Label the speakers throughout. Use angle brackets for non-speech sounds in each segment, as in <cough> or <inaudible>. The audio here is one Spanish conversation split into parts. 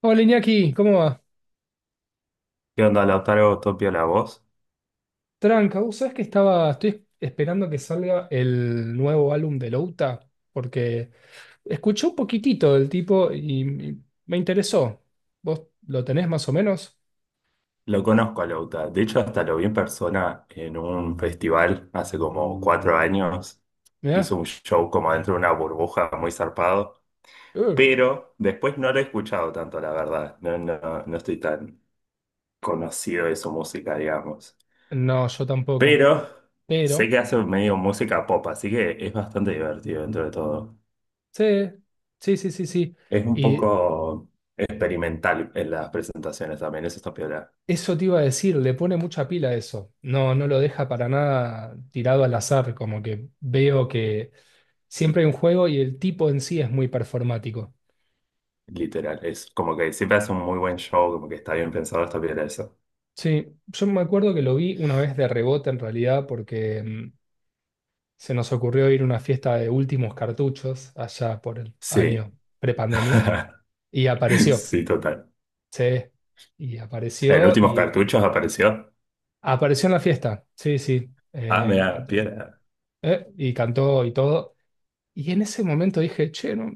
Speaker 1: Hola Iñaki, ¿cómo va?
Speaker 2: ¿Qué onda, Lautaro? Topia la voz.
Speaker 1: Tranca, ¿vos sabés que estoy esperando que salga el nuevo álbum de Louta? Porque escuché un poquitito del tipo y me interesó. ¿Vos lo tenés más o menos?
Speaker 2: Lo conozco a Lauta. De hecho, hasta lo vi en persona en un festival hace como 4 años.
Speaker 1: ¿Mirá?
Speaker 2: Hizo un show como dentro de una burbuja muy zarpado.
Speaker 1: Eh,
Speaker 2: Pero después no lo he escuchado tanto, la verdad. No, no, no estoy tan conocido de su música, digamos.
Speaker 1: No, yo tampoco.
Speaker 2: Pero sé
Speaker 1: Pero,
Speaker 2: que hace medio música pop, así que es bastante divertido dentro de todo.
Speaker 1: sí, sí, sí, sí, sí.
Speaker 2: Es un
Speaker 1: Y
Speaker 2: poco experimental en las presentaciones también. Eso está peor.
Speaker 1: eso te iba a decir, le pone mucha pila a eso. No, no lo deja para nada tirado al azar, como que veo que siempre hay un juego y el tipo en sí es muy performático.
Speaker 2: Literal, es como que siempre hace un muy buen show, como que está bien pensado, está bien eso.
Speaker 1: Sí, yo me acuerdo que lo vi una vez de rebote en realidad porque se nos ocurrió ir a una fiesta de últimos cartuchos allá por el
Speaker 2: Sí,
Speaker 1: año prepandemia y
Speaker 2: <laughs>
Speaker 1: apareció,
Speaker 2: sí, total.
Speaker 1: sí, y
Speaker 2: En
Speaker 1: apareció
Speaker 2: últimos
Speaker 1: y
Speaker 2: cartuchos apareció.
Speaker 1: apareció en la fiesta, sí, sí,
Speaker 2: Ah, mira, piedra.
Speaker 1: y cantó y todo. Y en ese momento dije, che, no,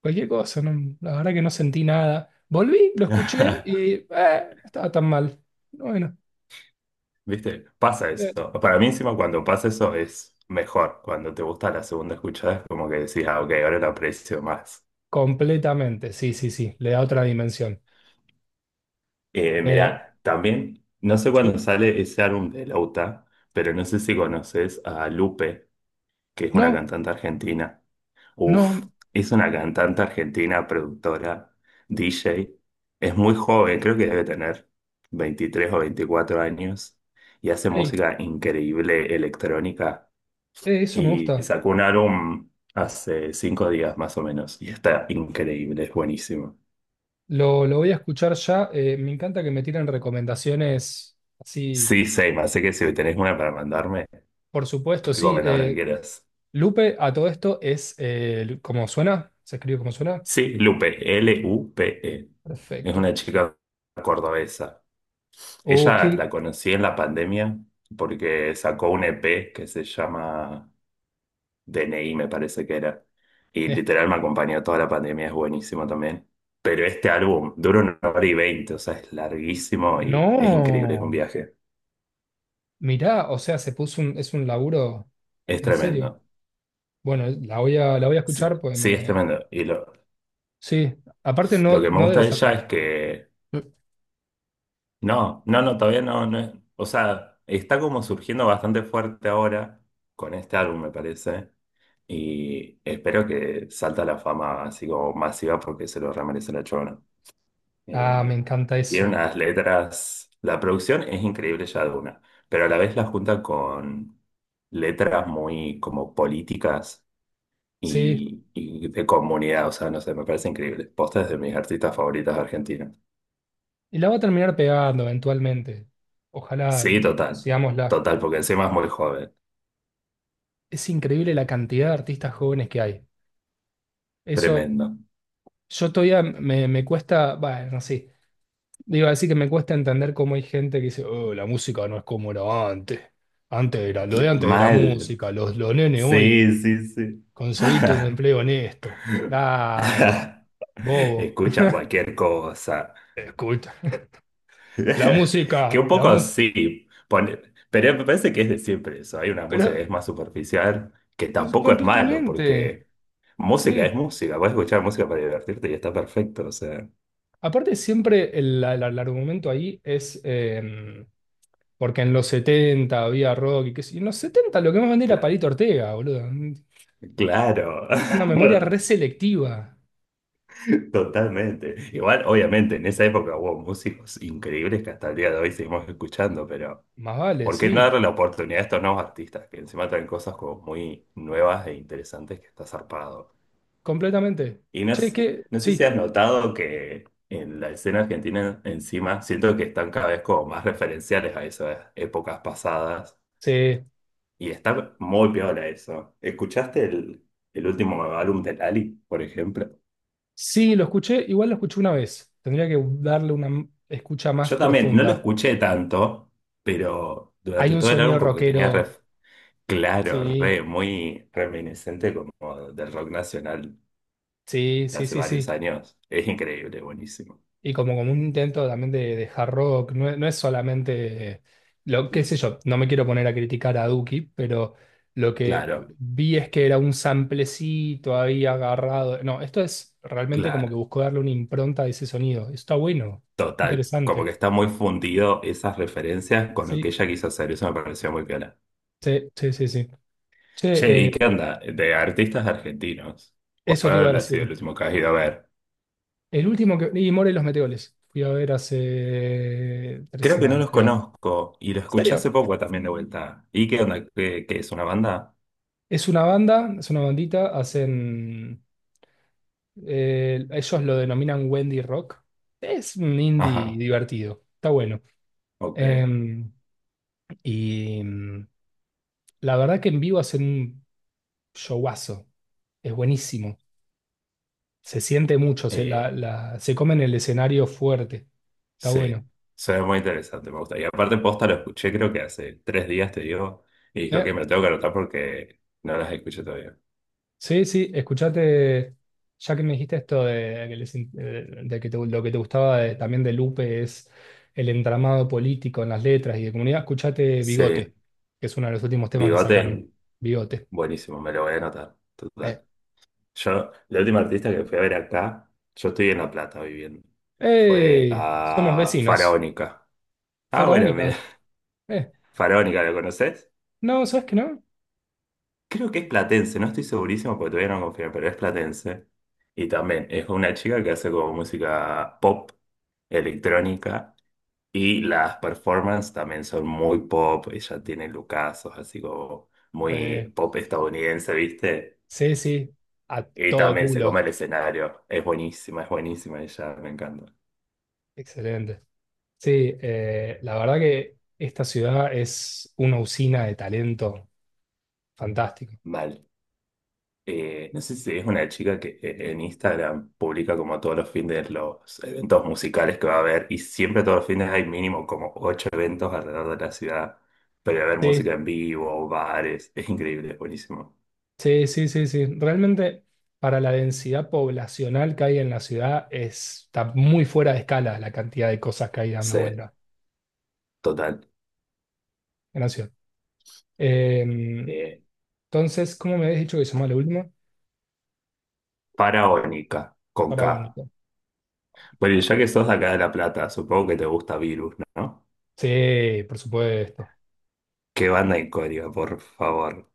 Speaker 1: cualquier cosa, no, la verdad que no sentí nada. Volví, lo escuché
Speaker 2: <laughs>
Speaker 1: y no estaba tan mal. Bueno,
Speaker 2: ¿Viste? Pasa
Speaker 1: eh,
Speaker 2: eso. Para mí encima cuando pasa eso es mejor. Cuando te gusta la segunda escuchada es como que decís, ah, ok, ahora lo aprecio más.
Speaker 1: completamente, sí, sí, sí, le da otra dimensión.
Speaker 2: Eh,
Speaker 1: Eh,
Speaker 2: mira, también, no sé
Speaker 1: sí.
Speaker 2: cuándo sale ese álbum de Lauta, pero no sé si conoces a Lupe, que es una
Speaker 1: No,
Speaker 2: cantante argentina. Uf,
Speaker 1: no,
Speaker 2: es una cantante argentina, productora, DJ. Es muy joven, creo que debe tener 23 o 24 años y hace
Speaker 1: ey,
Speaker 2: música increíble electrónica.
Speaker 1: eso me
Speaker 2: Y
Speaker 1: gusta.
Speaker 2: sacó un álbum hace 5 días más o menos y está increíble, es buenísimo.
Speaker 1: Lo voy a escuchar ya. Me encanta que me tiren recomendaciones así,
Speaker 2: Sí, Seima, así que si tenés una para mandarme,
Speaker 1: por supuesto, sí.
Speaker 2: recomendame lo que quieras.
Speaker 1: Lupe, a todo esto es como suena, se escribe como suena.
Speaker 2: Sí, Lupe, Lupe. Es una
Speaker 1: Perfecto.
Speaker 2: chica cordobesa.
Speaker 1: Oh,
Speaker 2: Ella la conocí en la pandemia porque sacó un EP que se llama DNI, me parece que era. Y
Speaker 1: eh,
Speaker 2: literal me acompañó toda la pandemia, es buenísimo también. Pero este álbum dura una hora y veinte, o sea, es larguísimo y es increíble, es un
Speaker 1: no,
Speaker 2: viaje.
Speaker 1: mirá, o sea, es un laburo
Speaker 2: Es
Speaker 1: en serio.
Speaker 2: tremendo.
Speaker 1: Bueno, la voy a
Speaker 2: S-
Speaker 1: escuchar, pues
Speaker 2: Sí, es
Speaker 1: me.
Speaker 2: tremendo. Y lo,
Speaker 1: Sí, aparte
Speaker 2: lo
Speaker 1: no,
Speaker 2: que me
Speaker 1: no
Speaker 2: gusta
Speaker 1: debe
Speaker 2: de
Speaker 1: ser
Speaker 2: ella
Speaker 1: tan.
Speaker 2: es que, no, no, no, todavía no, o sea, está como surgiendo bastante fuerte ahora con este álbum, me parece. Y espero que salta a la fama así como masiva porque se lo remerece la chona.
Speaker 1: Ah, me
Speaker 2: Eh,
Speaker 1: encanta
Speaker 2: tiene
Speaker 1: eso.
Speaker 2: unas letras, la producción es increíble ya de una, pero a la vez la junta con letras muy como políticas
Speaker 1: Sí,
Speaker 2: y de comunidad, o sea, no sé, me parece increíble. Posta es de mis artistas favoritas argentinas.
Speaker 1: y la va a terminar pegando eventualmente. Ojalá,
Speaker 2: Sí, total,
Speaker 1: sigámosla.
Speaker 2: total, porque encima es muy joven,
Speaker 1: Es increíble la cantidad de artistas jóvenes que hay. Eso,
Speaker 2: tremendo.
Speaker 1: yo todavía me cuesta, bueno, sí, digo, así que me cuesta entender cómo hay gente que dice, oh, la música no es como era antes. Lo de antes era
Speaker 2: Mal.
Speaker 1: música, los nenes hoy,
Speaker 2: Sí, sí, sí.
Speaker 1: conseguiste un
Speaker 2: <laughs>
Speaker 1: empleo honesto. Dale,
Speaker 2: <laughs>
Speaker 1: bobo.
Speaker 2: Escucha cualquier cosa.
Speaker 1: <laughs> Escucha, la
Speaker 2: <laughs> Que
Speaker 1: música,
Speaker 2: un
Speaker 1: la
Speaker 2: poco
Speaker 1: música.
Speaker 2: sí, pero me parece que es de siempre eso. Hay una
Speaker 1: Pero
Speaker 2: música que es más superficial, que
Speaker 1: es
Speaker 2: tampoco es malo,
Speaker 1: completamente,
Speaker 2: porque música es
Speaker 1: sí.
Speaker 2: música. Puedes escuchar música para divertirte y está perfecto. O sea,
Speaker 1: Aparte, siempre el argumento ahí es, porque en los 70 había rock y qué sé yo. En los 70 lo que más vendía era Palito
Speaker 2: claro.
Speaker 1: Ortega, boludo.
Speaker 2: Claro,
Speaker 1: Una memoria
Speaker 2: <laughs>
Speaker 1: reselectiva.
Speaker 2: totalmente. Igual, obviamente, en esa época hubo músicos increíbles que hasta el día de hoy seguimos escuchando, pero
Speaker 1: Más vale,
Speaker 2: ¿por qué no
Speaker 1: sí,
Speaker 2: darle la oportunidad a estos nuevos artistas que encima traen cosas como muy nuevas e interesantes que está zarpado?
Speaker 1: completamente.
Speaker 2: Y no,
Speaker 1: Che, que
Speaker 2: no sé si
Speaker 1: sí,
Speaker 2: has notado que en la escena argentina encima siento que están cada vez como más referenciales a esas épocas pasadas
Speaker 1: sí,
Speaker 2: y está muy piola eso. ¿Escuchaste el último álbum de Lali, por ejemplo?
Speaker 1: sí, lo escuché, igual lo escuché una vez. Tendría que darle una escucha más
Speaker 2: Yo también no lo
Speaker 1: profunda.
Speaker 2: escuché tanto, pero
Speaker 1: Hay
Speaker 2: durante
Speaker 1: un
Speaker 2: todo el álbum
Speaker 1: sonido
Speaker 2: como que tenía
Speaker 1: rockero.
Speaker 2: ref- Claro,
Speaker 1: Sí,
Speaker 2: re, muy reminiscente como del rock nacional
Speaker 1: sí, sí,
Speaker 2: hace
Speaker 1: sí,
Speaker 2: varios
Speaker 1: sí.
Speaker 2: años. Es increíble, buenísimo.
Speaker 1: Y como un intento también de hard rock, no, es no es solamente, lo qué sé yo, no me quiero poner a criticar a Duki, pero lo que
Speaker 2: Claro,
Speaker 1: vi es que era un samplecito ahí agarrado. No, esto es realmente como
Speaker 2: claro.
Speaker 1: que buscó darle una impronta a ese sonido. Está bueno,
Speaker 2: Total, como
Speaker 1: interesante.
Speaker 2: que está muy fundido esas referencias con lo que
Speaker 1: Sí,
Speaker 2: ella quiso hacer. Eso me pareció muy piola.
Speaker 1: sí, sí, sí, sí.
Speaker 2: Che,
Speaker 1: Che,
Speaker 2: ¿y qué onda? De artistas argentinos.
Speaker 1: eso te iba a
Speaker 2: ¿Cuál ha sido
Speaker 1: decir.
Speaker 2: el último que has ido a ver?
Speaker 1: Y More y los Meteores, fui a ver hace tres
Speaker 2: Creo que no
Speaker 1: semanas,
Speaker 2: los
Speaker 1: creo. ¿En
Speaker 2: conozco y lo escuché hace
Speaker 1: serio?
Speaker 2: poco también de vuelta. ¿Y qué onda? ¿Qué es una banda?
Speaker 1: Es una banda, es una bandita, ellos lo denominan Wendy Rock. Es un indie
Speaker 2: Ajá,
Speaker 1: divertido, está bueno.
Speaker 2: ok.
Speaker 1: Em, y la verdad que en vivo hacen un showazo, es buenísimo. Se siente mucho,
Speaker 2: Eh,
Speaker 1: se comen el escenario fuerte, está bueno.
Speaker 2: Sí, suena muy interesante, me gusta. Y aparte, posta lo escuché, creo que hace 3 días te digo, y dijo
Speaker 1: ¿Eh?
Speaker 2: que me lo tengo que anotar porque no las escuché todavía.
Speaker 1: Sí, sí, escuchate, ya que me dijiste esto de, que les in- lo que te gustaba también de Lupe es el entramado político en las letras y de comunidad, escuchate Bigote,
Speaker 2: Sí,
Speaker 1: que es uno de los últimos temas que sacaron.
Speaker 2: Bigote,
Speaker 1: Bigote.
Speaker 2: buenísimo, me lo voy a anotar.
Speaker 1: Eh.
Speaker 2: Total. Yo, la última artista que fui a ver acá, yo estoy en La Plata viviendo, fue
Speaker 1: ¡Ey! Somos
Speaker 2: a
Speaker 1: vecinos.
Speaker 2: Faraónica. Ah, bueno,
Speaker 1: Faraónica.
Speaker 2: mira,
Speaker 1: Eh.
Speaker 2: <laughs> Faraónica, ¿lo conoces?
Speaker 1: No, ¿sabes que no?
Speaker 2: Creo que es platense, no estoy segurísimo porque todavía no confío, pero es platense. Y también es una chica que hace como música pop, electrónica. Y las performances también son muy pop, ella tiene lucazos, así como
Speaker 1: Eh,
Speaker 2: muy pop estadounidense, ¿viste?
Speaker 1: sí, sí, a
Speaker 2: Y
Speaker 1: todo
Speaker 2: también se come
Speaker 1: culo.
Speaker 2: el escenario, es buenísima ella, me encanta.
Speaker 1: Excelente. Sí, la verdad que esta ciudad es una usina de talento fantástico.
Speaker 2: Mal. No sé si es una chica que en Instagram publica como todos los fines los eventos musicales que va a haber y siempre todos los fines hay mínimo como ocho eventos alrededor de la ciudad, pero va a haber música
Speaker 1: Sí.
Speaker 2: en vivo, bares, es increíble, es buenísimo.
Speaker 1: Sí, sí, sí, sí. Realmente para la densidad poblacional que hay en la ciudad está muy fuera de escala la cantidad de cosas que hay dando
Speaker 2: Sí,
Speaker 1: vuelta
Speaker 2: total.
Speaker 1: en la ciudad. Eh,
Speaker 2: Eh,
Speaker 1: entonces, ¿cómo me habías dicho que se llama lo último?
Speaker 2: Paraónica, con K.
Speaker 1: Patagónico.
Speaker 2: Bueno, y ya que sos de acá de La Plata, supongo que te gusta Virus, ¿no?
Speaker 1: Sí, por supuesto.
Speaker 2: Qué banda icónica, por favor.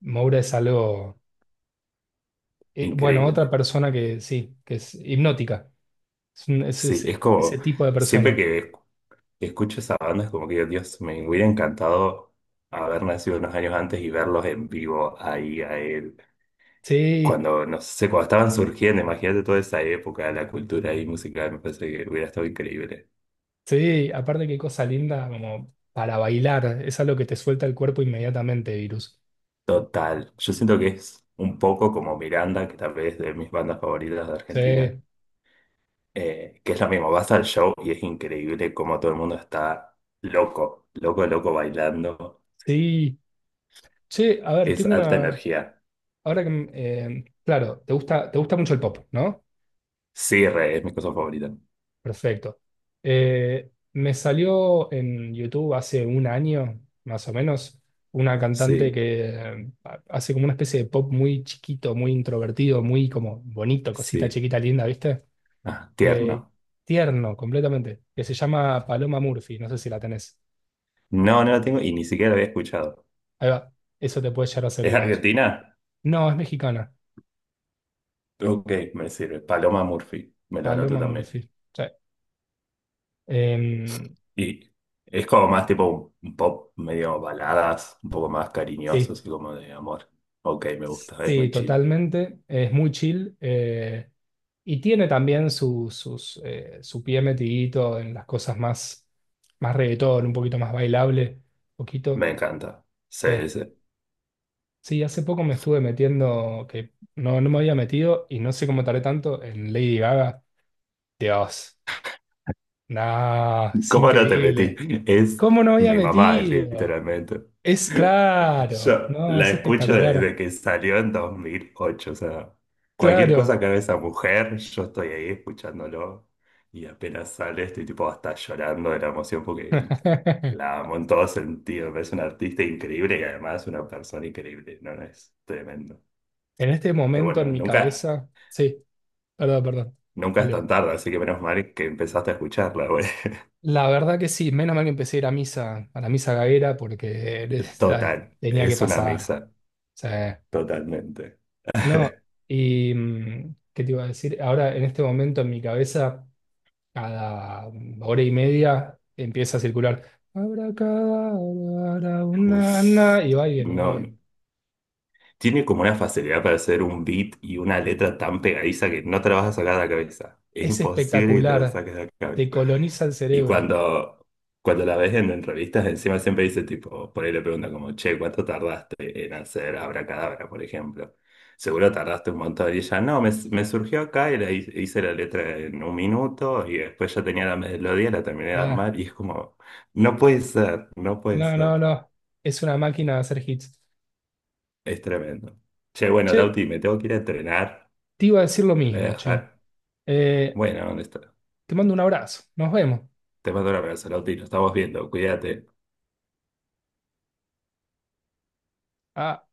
Speaker 1: Moura es algo, bueno, otra
Speaker 2: Increíble.
Speaker 1: persona que sí, que es hipnótica. Es, un- es
Speaker 2: Sí, es
Speaker 1: ese ese
Speaker 2: como,
Speaker 1: tipo de
Speaker 2: siempre
Speaker 1: persona.
Speaker 2: que escucho esa banda es como que, Dios, me hubiera encantado haber nacido unos años antes y verlos en vivo ahí a él.
Speaker 1: Sí,
Speaker 2: Cuando, no sé, cuando estaban surgiendo, imagínate toda esa época, la cultura ahí musical, me parece que hubiera estado increíble.
Speaker 1: sí, aparte qué cosa linda como para bailar. Es algo que te suelta el cuerpo inmediatamente, virus.
Speaker 2: Total. Yo siento que es un poco como Miranda, que tal vez es de mis bandas favoritas de Argentina
Speaker 1: Sí.
Speaker 2: que es lo mismo, vas al show y es increíble cómo todo el mundo está loco, loco, loco bailando.
Speaker 1: Sí, che, a ver,
Speaker 2: Es
Speaker 1: tengo
Speaker 2: alta
Speaker 1: una.
Speaker 2: energía.
Speaker 1: Claro, te gusta mucho el pop, ¿no?
Speaker 2: Sí, re, es mi cosa favorita.
Speaker 1: Perfecto. Me salió en YouTube hace un año, más o menos, una cantante
Speaker 2: Sí,
Speaker 1: que hace como una especie de pop muy chiquito, muy introvertido, muy como bonito, cosita
Speaker 2: sí.
Speaker 1: chiquita, linda, ¿viste?
Speaker 2: Ah,
Speaker 1: Eh,
Speaker 2: tierno.
Speaker 1: tierno, completamente. Que se llama Paloma Murphy, no sé si la tenés.
Speaker 2: No, no la tengo y ni siquiera la había escuchado.
Speaker 1: Ahí va, eso te puede llegar a
Speaker 2: ¿Es
Speaker 1: servir a vos.
Speaker 2: Argentina?
Speaker 1: No, es mexicana,
Speaker 2: Ok, me sirve. Paloma Murphy, me lo anoto
Speaker 1: Paloma
Speaker 2: también.
Speaker 1: Murphy. Sí. Em,
Speaker 2: Y es como más tipo un pop medio baladas, un poco más cariñoso,
Speaker 1: Sí,
Speaker 2: así como de amor. Ok, me gusta, es
Speaker 1: sí,
Speaker 2: muy chill.
Speaker 1: totalmente. Es muy chill. Y tiene también su pie metidito en las cosas más, reggaetón, un poquito más bailable, poquito.
Speaker 2: Me encanta.
Speaker 1: Sí.
Speaker 2: Sí, sí.
Speaker 1: Sí, hace poco me estuve metiendo, que no, no me había metido y no sé cómo tardé tanto en Lady Gaga. Dios, no, es
Speaker 2: ¿Cómo no te metí?
Speaker 1: increíble.
Speaker 2: Es
Speaker 1: ¿Cómo no había
Speaker 2: mi mamá,
Speaker 1: metido?
Speaker 2: literalmente.
Speaker 1: Es claro,
Speaker 2: Yo
Speaker 1: no,
Speaker 2: la
Speaker 1: es
Speaker 2: escucho
Speaker 1: espectacular.
Speaker 2: desde que salió en 2008, o sea, cualquier cosa
Speaker 1: Claro.
Speaker 2: que haga esa mujer, yo estoy ahí escuchándolo y apenas sale estoy tipo hasta llorando de la emoción porque
Speaker 1: <laughs>
Speaker 2: la amo en todo sentido, me parece una artista increíble y además una persona increíble, no, no, es tremendo.
Speaker 1: En este
Speaker 2: Pero
Speaker 1: momento
Speaker 2: bueno,
Speaker 1: en mi
Speaker 2: nunca,
Speaker 1: cabeza, sí, perdón, perdón.
Speaker 2: nunca es
Speaker 1: Dale vos.
Speaker 2: tan tarde, así que menos mal que empezaste a escucharla, güey.
Speaker 1: La verdad que sí, menos mal que empecé a ir a misa, a la misa gaguera, porque
Speaker 2: <laughs> Total,
Speaker 1: tenía que
Speaker 2: es una
Speaker 1: pasar.
Speaker 2: misa.
Speaker 1: O sea,
Speaker 2: Totalmente.
Speaker 1: no,
Speaker 2: <laughs>
Speaker 1: y ¿qué te iba a decir? Ahora, en este momento en mi cabeza, cada hora y media empieza a circular. Abracadabra, una,
Speaker 2: Uf,
Speaker 1: na, y va y viene, va y
Speaker 2: no, no.
Speaker 1: viene.
Speaker 2: Tiene como una facilidad para hacer un beat y una letra tan pegadiza que no te la vas a sacar de la cabeza. Es
Speaker 1: Es
Speaker 2: imposible que te la
Speaker 1: espectacular,
Speaker 2: saques de la cabeza.
Speaker 1: te coloniza el
Speaker 2: Y
Speaker 1: cerebro.
Speaker 2: cuando la ves en entrevistas, encima siempre dice tipo, por ahí le pregunta como, che, ¿cuánto tardaste en hacer Abracadabra, por ejemplo? Seguro tardaste un montón. Y ella, no, me surgió acá y la hice la letra en un minuto y después ya tenía la melodía, la terminé de
Speaker 1: Ah,
Speaker 2: armar y es como, no puede ser, no puede
Speaker 1: no, no,
Speaker 2: ser.
Speaker 1: no, es una máquina de hacer hits.
Speaker 2: Es tremendo. Che, bueno,
Speaker 1: Che,
Speaker 2: Lauti, me tengo que ir a entrenar.
Speaker 1: te iba a decir lo
Speaker 2: Te voy a
Speaker 1: mismo, che.
Speaker 2: dejar.
Speaker 1: Eh,
Speaker 2: Bueno, ¿dónde está?
Speaker 1: te mando un abrazo. Nos vemos.
Speaker 2: Te mando un abrazo, Lauti. Nos estamos viendo. Cuídate.
Speaker 1: Ah.